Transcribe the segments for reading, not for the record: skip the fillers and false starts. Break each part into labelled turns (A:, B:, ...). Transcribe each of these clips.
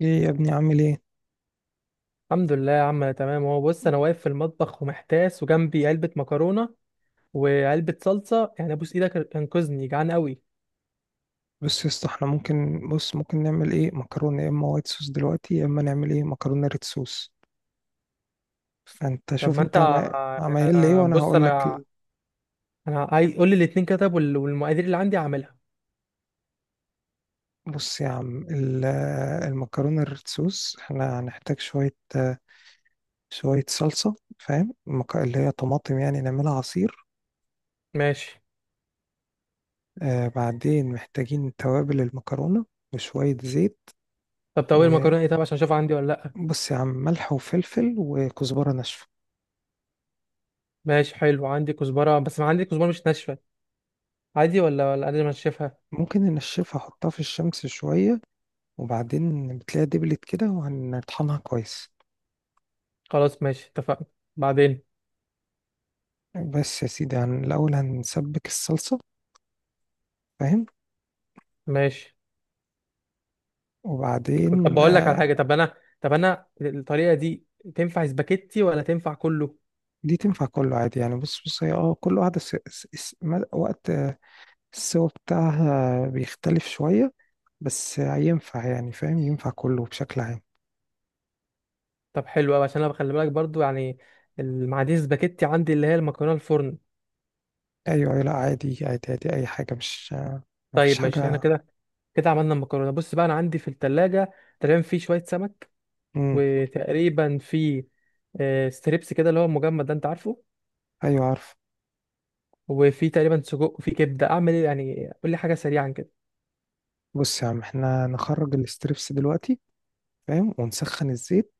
A: ايه يا ابني عامل ايه؟
B: الحمد لله يا عم، انا تمام اهو. بص، انا واقف في المطبخ ومحتاس، وجنبي علبه مكرونه وعلبه صلصه، يعني ابوس ايدك انقذني، جعان قوي.
A: بص يا اسطى احنا ممكن نعمل ايه، مكرونه يا اما وايت صوص دلوقتي، يا اما نعمل ايه مكرونه ريد صوص. فانت
B: طب
A: شوف
B: ما انت
A: انت عمايل ايه وانا
B: بص
A: هقول لك
B: انا انا عايز، قول لي الاتنين كده. طب والمقادير اللي عندي هعملها.
A: بص يا عم المكرونه الريد صوص احنا هنحتاج شويه شويه صلصه، فاهم؟ اللي هي طماطم يعني نعملها عصير.
B: ماشي.
A: بعدين محتاجين توابل المكرونه وشويه زيت،
B: طب المكرونه ايه؟ طب عشان اشوف عندي ولا لا.
A: وبص يا عم ملح وفلفل وكزبره ناشفه.
B: ماشي حلو، عندي كزبره، بس ما عندي كزبره مش ناشفه. عادي ولا انا انشفها؟
A: ممكن ننشفها، احطها في الشمس شوية وبعدين بتلاقيها دبلت كده وهنطحنها كويس.
B: خلاص ماشي اتفقنا. بعدين.
A: بس يا سيدي هن الأول هنسبك الصلصة، فاهم؟
B: ماشي. طب
A: وبعدين
B: بقول لك على حاجه. طب انا الطريقه دي تنفع سباكيتي ولا تنفع كله؟
A: دي تنفع كله عادي يعني. بص بص هي كل واحدة وقت السوا بتاعها بيختلف شوية، بس ينفع يعني، فاهم؟ ينفع كله بشكل عام.
B: طب حلو قوي، عشان انا بخلي بالك برضو يعني. المعادير سباكيتي عندي، اللي هي المكرونه الفرن.
A: أيوة أيوة، لا عادي عادي عادي، أي حاجة مش مفيش
B: طيب ماشي، احنا
A: حاجة.
B: كده عملنا المكرونه. بص بقى، انا عندي في التلاجة تقريبا في شويه سمك.
A: مم.
B: وتقريبا في ستريبس كده اللي هو المجمد ده، انت عارفه.
A: أيوة عارف.
B: وفي تقريبا سجق وفي كبده، اعمل ايه يعني؟ قول لي حاجه سريعا كده.
A: بص يا عم احنا نخرج الاستريبس دلوقتي، فاهم؟ ونسخن الزيت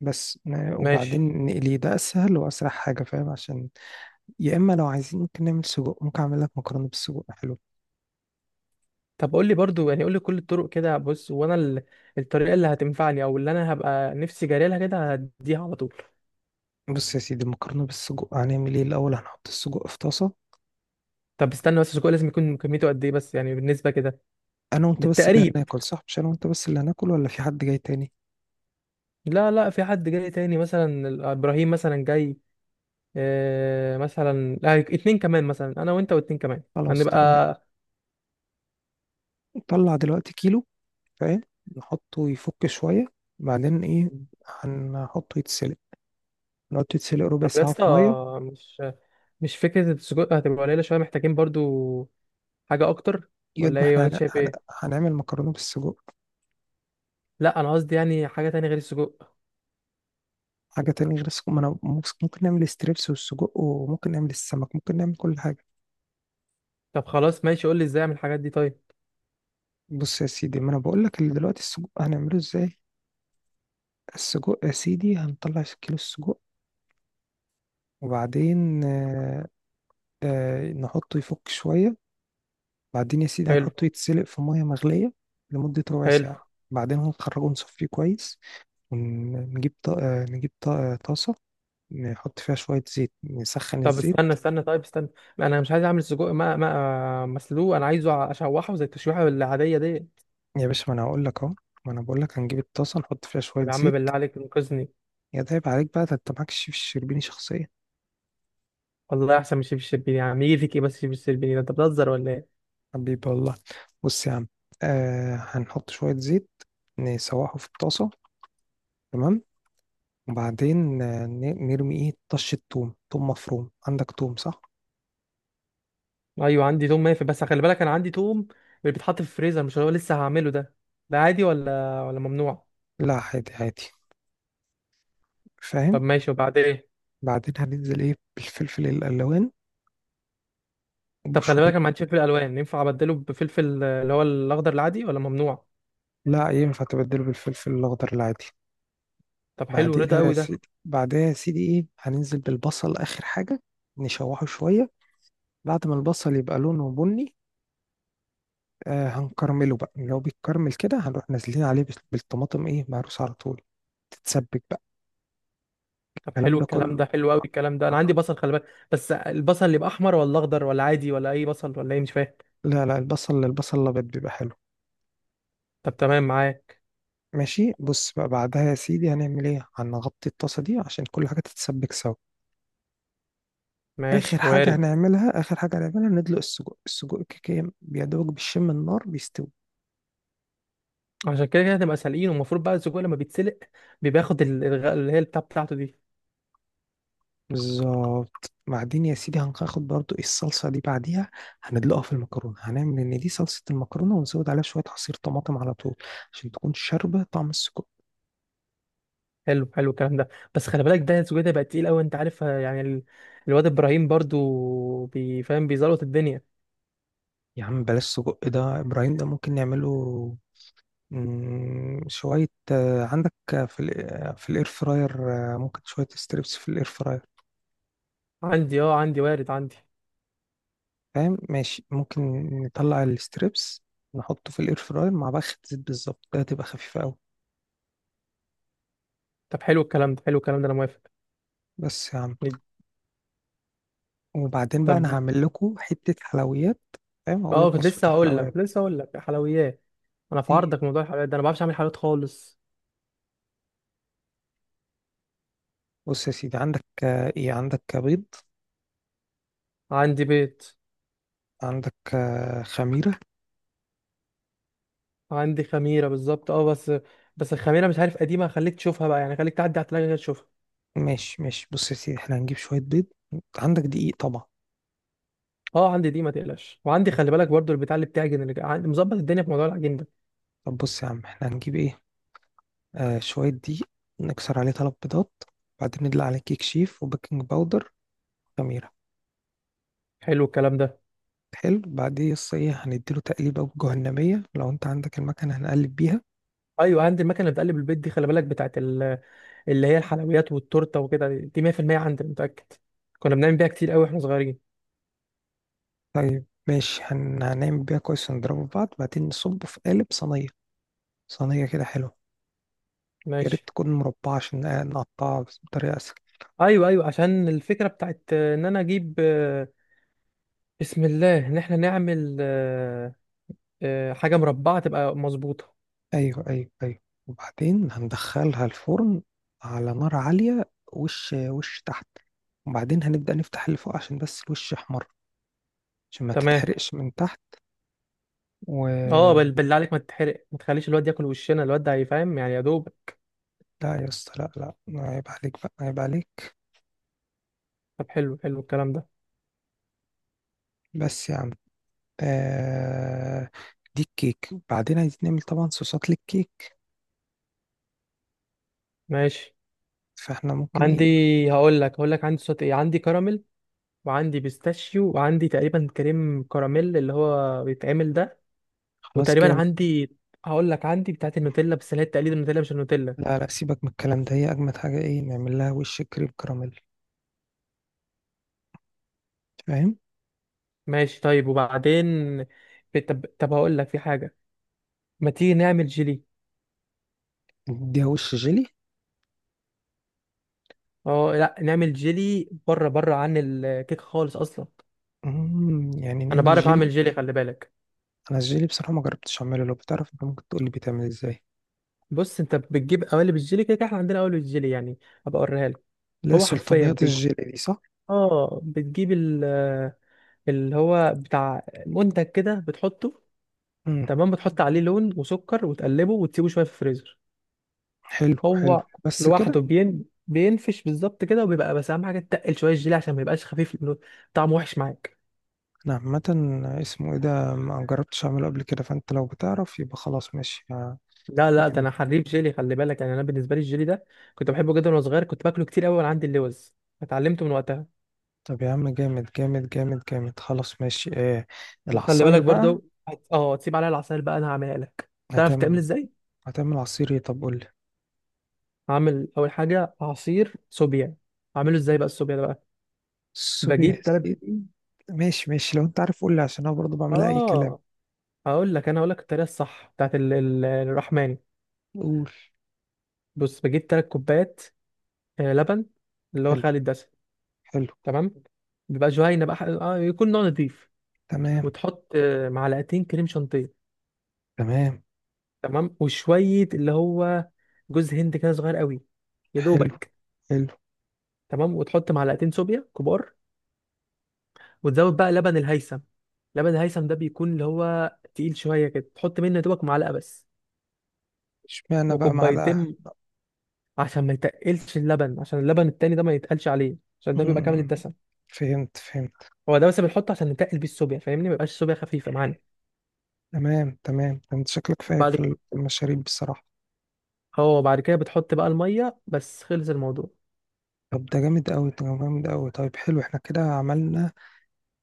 B: ماشي.
A: وبعدين نقليه، ده اسهل واسرع حاجه، فاهم؟ عشان يا اما لو عايزين ممكن نعمل سجق، ممكن اعمل لك مكرونه بالسجق حلو.
B: طب قول لي برضو يعني، قول لي كل الطرق كده، بص وانا الطريقه اللي هتنفعني او اللي انا هبقى نفسي جاري لها كده هديها على طول.
A: بص يا سيدي المكرونه بالسجق هنعمل ايه الاول، هنحط السجق في طاسه.
B: طب استنى بس، السجق لازم يكون كميته قد ايه بس، يعني بالنسبه كده؟
A: انا وانت بس اللي
B: بالتقريب.
A: هناكل صح؟ مش انا وانت بس اللي هناكل ولا في حد جاي تاني؟
B: لا لا، في حد جاي تاني مثلا ابراهيم مثلا جاي. آه مثلا، اتنين كمان، مثلا انا وانت واتنين كمان.
A: خلاص ط-
B: هنبقى.
A: نطلع دلوقتي كيلو، فاهم؟ نحطه يفك شويه، بعدين ايه، هنحطه يتسلق، نحطه يتسلق ربع
B: طب يا
A: ساعه في
B: اسطى،
A: ميه.
B: مش مش فكره السجود هتبقى قليله شويه، محتاجين برضو حاجه اكتر.
A: يد
B: ولا
A: ما
B: ايه؟
A: احنا
B: ولا انت
A: هن...
B: شايف
A: هن...
B: ايه؟
A: هنعمل مكرونه بالسجق.
B: لا، انا قصدي يعني حاجه تانية غير السجق.
A: حاجة تانية غير السجق؟ ما أنا ممكن ممكن نعمل الستريبس والسجق وممكن نعمل السمك، ممكن نعمل كل حاجة.
B: طب خلاص ماشي، قول لي ازاي اعمل الحاجات دي طيب.
A: بص يا سيدي ما أنا بقول لك اللي دلوقتي السجق هنعمله إزاي. السجق يا سيدي هنطلع كيلو السجق، وبعدين نحطه يفك شوية، بعدين يا سيدي
B: حلو،
A: هنحطه يتسلق في مية مغلية لمدة ربع
B: حلو.
A: ساعة. بعدين هنخرجه نصفيه كويس، ونجيب طا... آه، نجيب طا... آه، طاسة نحط فيها شوية زيت، نسخن
B: طب
A: الزيت.
B: استنى استنى، طيب استنى. لا، انا مش عايز اعمل السجق ما مسلوق، انا عايزه اشوحه زي التشويحه العاديه دي.
A: يا باشا ما أنا هقول لك أهو، ما أنا بقول لك هنجيب الطاسة نحط فيها
B: طب
A: شوية
B: يا عم،
A: زيت.
B: بالله عليك انقذني.
A: يا ده عيب عليك بقى، ده انت معاك شيف الشربيني شخصيا.
B: والله احسن من شيف الشربيني يا عم، يجي فيك ايه بس؟ شيف الشربيني ده انت بتهزر ولا ايه؟
A: حبيبي والله. بص يا عم، هنحط شوية زيت، نسوحه في الطاسة، تمام؟ وبعدين نرمي ايه، طشة توم، توم مفروم، عندك توم صح؟
B: ايوه عندي توم، مافي بس خلي بالك، انا عندي توم اللي بيتحط في الفريزر، مش اللي هو لسه هعمله ده. ده عادي ولا ممنوع؟
A: لا عادي عادي، فاهم؟
B: طب ماشي، وبعدين ايه؟
A: بعدين هننزل ايه، بالفلفل الألوان
B: طب خلي بالك،
A: وبشوية.
B: انا ما عنديش فلفل الوان، ينفع ابدله بفلفل اللي هو الاخضر العادي ولا ممنوع؟
A: لا ينفع تبدله بالفلفل الأخضر العادي.
B: طب حلو، رضا
A: بعديها يا
B: قوي ده.
A: سيدي، بعديها يا سيدي ايه، هننزل بالبصل آخر حاجة، نشوحه شوية. بعد ما البصل يبقى لونه بني هنكرمله بقى. لو بيتكرمل كده هنروح نازلين عليه بالطماطم ايه، مهروسة على طول، تتسبك بقى.
B: طب
A: الكلام
B: حلو
A: ده
B: الكلام
A: كله.
B: ده، حلو قوي الكلام ده، انا عندي بصل خلي بالك. بس البصل اللي يبقى احمر ولا اخضر ولا عادي ولا اي بصل ولا ايه، مش فاهم.
A: لا لا، البصل البصل الابيض بيبقى حلو.
B: طب تمام معايا.
A: ماشي، بص بقى بعدها يا سيدي هنعمل ايه، هنغطي الطاسة دي عشان كل حاجة تتسبك سوا. اخر
B: ماشي
A: حاجة
B: وارد.
A: هنعملها، اخر حاجة هنعملها، ندلق السجق. السجق كيكة بيدوب بالشم النار بيستوي.
B: عشان كده هتبقى سالقين، والمفروض بقى السجق لما بيتسلق بياخد الغاء اللي هي البتاع بتاعته دي.
A: بالظبط، بعدين يا سيدي هناخد برضو إيه الصلصة دي بعديها، هندلقها في المكرونة، هنعمل إن دي صلصة المكرونة، ونزود عليها شوية عصير طماطم على طول عشان تكون شاربة طعم السجق.
B: حلو حلو الكلام ده. بس خلي بالك ده، السجق ده بقى تقيل قوي انت عارف، يعني الواد ابراهيم برضو بيفهم، بيزلط الدنيا.
A: يا عم بلاش سجق، ده إبراهيم ده ممكن نعمله شوية عندك في في الاير فراير، ممكن شوية ستريبس في الاير فراير.
B: عندي اه، عندي وارد عندي.
A: فاهم؟ ماشي، ممكن نطلع الستريبس، نحطه في الاير فراير مع بخة زيت، بالظبط ده هتبقى خفيفة أوي.
B: طب حلو الكلام ده، حلو الكلام ده، انا موافق.
A: بس يا عم، وبعدين بقى
B: طب
A: انا هعمل لكم حته حلويات، فاهم؟ هقول
B: اه،
A: لك
B: كنت
A: وصفه
B: لسه هقول لك
A: الحلويات.
B: لسه هقول لك حلويات. انا في
A: ايه،
B: عرضك، موضوع الحلويات ده انا ما بعرفش اعمل حلويات خالص.
A: بص يا سيدي عندك آه، ايه عندك بيض،
B: عندي بيت.
A: عندك خميره.
B: عندي خميره بالظبط اه، بس. بس الخميره مش عارف قديمه، خليك تشوفها بقى يعني، خليك تعدي على التلاجه كده تشوفها.
A: ماشي ماشي، بص يا سيدي احنا هنجيب شويه بيض، عندك دقيق طبعا.
B: اه عندي دي ما تقلقش، وعندي خلي بالك برضو البتاع اللي بتعجن، اللي عندي مظبط الدنيا في موضوع العجين ده.
A: طب بص يا عم احنا هنجيب ايه، شويه دقيق، نكسر عليه 3 بيضات، بعدين ندلق عليه كيك شيف وبيكنج باودر، خميره.
B: حلو الكلام ده.
A: حلو، بعدين يس ايه، هنديله تقليبه جهنميه لو انت عندك المكنه هنقلب بيها.
B: ايوه عندي المكنه اللي بتقلب البيت دي خلي بالك، بتاعت اللي هي الحلويات والتورته وكده، دي 100% عندي أنا متاكد. كنا بنعمل بيها كتير قوي واحنا صغيرين.
A: طيب ماشي، هنعمل بيها كويس، ونضربه في بعض، بعدين نصبه في قالب صينية، صينية كده حلوة. يا ريت
B: ماشي.
A: تكون مربعة عشان نقطعها بس بطريقة أسهل.
B: ايوه ايوه، عشان الفكره بتاعت ان انا اجيب بسم الله ان احنا نعمل حاجه مربعه تبقى مظبوطه.
A: أيوه أيوه أيوه، وبعدين هندخلها الفرن على نار عالية، وش وش تحت، وبعدين هنبدأ نفتح اللي فوق عشان بس الوش يحمر، عشان ما
B: تمام.
A: تتحرقش من تحت.
B: اه،
A: و
B: بالله عليك ما تتحرق، ما تخليش الواد ياكل وشنا، الواد ده هيفهم يعني يا دوب.
A: لا يا اسطى لا، لا عيب عليك بقى، عيب عليك.
B: طب حلو حلو الكلام ده.
A: بس يا عم آه... دي الكيك، وبعدين عايزين نعمل طبعا صوصات للكيك،
B: ماشي.
A: فاحنا ممكن
B: عندي،
A: ايه.
B: هقول لك عندي صوت ايه، عندي كراميل. وعندي بيستاشيو وعندي تقريبا كريم كراميل اللي هو بيتعمل ده.
A: خلاص
B: وتقريبا
A: جامد.
B: عندي، هقول لك عندي بتاعت النوتيلا بس اللي هي تقليد النوتيلا، مش النوتيلا.
A: لا لا، سيبك من الكلام ده، هي أجمد حاجة ايه، نعمل لها وش كريم كراميل، فاهم؟
B: ماشي طيب، وبعدين. طب هقول لك في حاجة. ما تيجي نعمل جيلي؟
A: نديها وش جيلي،
B: اه لا، نعمل جيلي بره بره عن الكيك خالص اصلا.
A: يعني
B: انا
A: نعمل
B: بعرف اعمل
A: جيلي.
B: جيلي خلي بالك.
A: انا الجيلي بصراحه ما جربتش اعمله، لو بتعرف انت ممكن تقول لي بيتعمل ازاي.
B: بص، انت بتجيب قوالب الجيلي كده، كده احنا عندنا قوالب الجيلي يعني. هبقى اوريها لك.
A: لا
B: هو حرفيا
A: سلطانيات الجيلي دي صح.
B: اه، بتجيب اللي هو بتاع منتج كده، بتحطه.
A: امم
B: تمام. بتحط عليه لون وسكر وتقلبه وتسيبه شويه في الفريزر.
A: حلو حلو.
B: هو
A: بس
B: لوحده
A: كده؟
B: بينفش بالظبط كده، وبيبقى بس اهم حاجه تقل شويه الجيلي عشان ما يبقاش خفيف لانه طعمه وحش معاك.
A: انا عامه اسمه ايه ده، ما جربتش اعمله قبل كده، فانت لو بتعرف يبقى خلاص ماشي.
B: لا لا، ده
A: نعمل.
B: انا حريف جيلي خلي بالك يعني، انا بالنسبه لي الجيلي ده كنت بحبه جدا وانا صغير، كنت باكله كتير قوي وانا عندي اللوز. اتعلمته من وقتها.
A: طب يا عم جامد جامد جامد جامد، خلاص ماشي ايه،
B: وخلي
A: العصاير
B: بالك
A: بقى.
B: برضو تسيب عليها العسل بقى، انا هعملها لك. تعرف تعمل
A: هتعمل،
B: ازاي؟
A: هتعمل عصير ايه طب قول لي.
B: هعمل اول حاجه، عصير صوبيا. اعمله ازاي بقى الصوبيا ده بقى؟
A: الصبي يا
B: بجيب.
A: سيدي. ماشي ماشي، لو انت عارف قول لي، عشان انا برضه بعملها اي كلام.
B: اه، هقول لك انا هقول لك الطريقه الصح بتاعت الرحماني.
A: قول.
B: بص بجيب تلات كوبايات، لبن اللي هو
A: حلو
B: خالي الدسم.
A: حلو.
B: تمام. بيبقى جهينه بقى، يكون نوع نضيف.
A: تمام
B: وتحط معلقتين كريم شانتيه.
A: تمام.
B: تمام وشويه اللي هو جوز هند كده صغير قوي، يا
A: حلو
B: دوبك.
A: حلو.
B: تمام وتحط معلقتين صوبيا كبار. وتزود بقى لبن الهيثم. لبن الهيثم ده بيكون اللي هو تقيل شويه كده، تحط منه يا دوبك معلقه بس.
A: اشمعنى بقى معلقة؟
B: وكوبايتين. عشان ما يتقلش اللبن، عشان اللبن التاني ده ما يتقلش عليه، عشان ده بيبقى كامل
A: مم،
B: الدسم.
A: فهمت فهمت.
B: هو ده بس بنحطه عشان نتقل بيه الصوبيا، فاهمني، ما يبقاش الصوبيا خفيفه معانا.
A: تمام تمام، انت شكلك فاهم في
B: بعد.
A: في المشاريب بصراحة.
B: هو بعد كده بتحط بقى الميه، بس خلص الموضوع.
A: طب ده جامد قوي، ده جامد قوي، طيب حلو احنا كده عملنا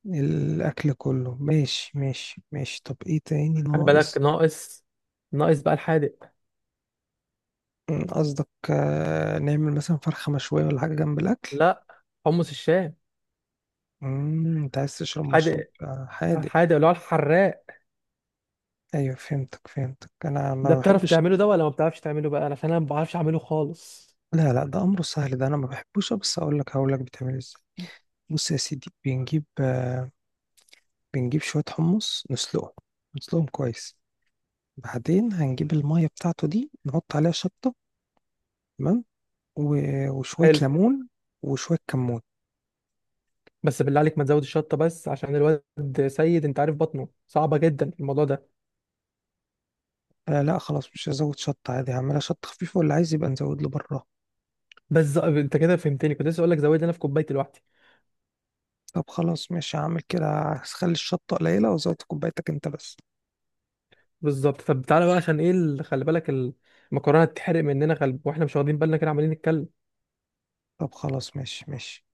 A: الأكل كله، ماشي ماشي ماشي. طب ايه تاني
B: خلي بالك
A: ناقص؟
B: ناقص. ناقص بقى الحادق.
A: قصدك نعمل مثلا فرخة مشوية ولا حاجة جنب الأكل؟
B: لا. حمص الشام.
A: انت عايز تشرب مشروب
B: الحادق،
A: حادق؟
B: الحادق اللي هو الحراق.
A: ايوه فهمتك فهمتك، انا
B: ده
A: ما
B: بتعرف
A: بحبش.
B: تعمله ده ولا ما بتعرفش تعمله بقى؟ عشان انا ما بعرفش اعمله خالص.
A: لا لا، ده امره سهل، ده انا ما بحبوش بس اقول لك، هقول لك بتعمل ازاي. بص يا سيدي بنجيب بنجيب شويه حمص نسلقهم، نسلقهم كويس. بعدين هنجيب الميه بتاعته دي، نحط عليها شطه، تمام؟ وشويه
B: حلو.
A: ليمون وشويه كمون.
B: بس بالله عليك ما تزود الشطه، بس عشان الواد سيد انت عارف بطنه صعبه جدا الموضوع ده.
A: لا خلاص مش هزود شطه، عادي هعملها شطه خفيفه واللي عايز يبقى نزود له بره.
B: بس انت كده فهمتني، كنت لسه اقول لك زود لنا في كوبايه لوحدي.
A: طب خلاص ماشي هعمل كده، هخلي الشطه قليله وزودت كوبايتك انت بس.
B: بالظبط. طب تعالى بقى عشان ايه خلي بالك المكرونه تتحرق مننا خلب، واحنا مش واخدين بالنا كده عمالين نتكلم.
A: طب خلاص ماشي ماشي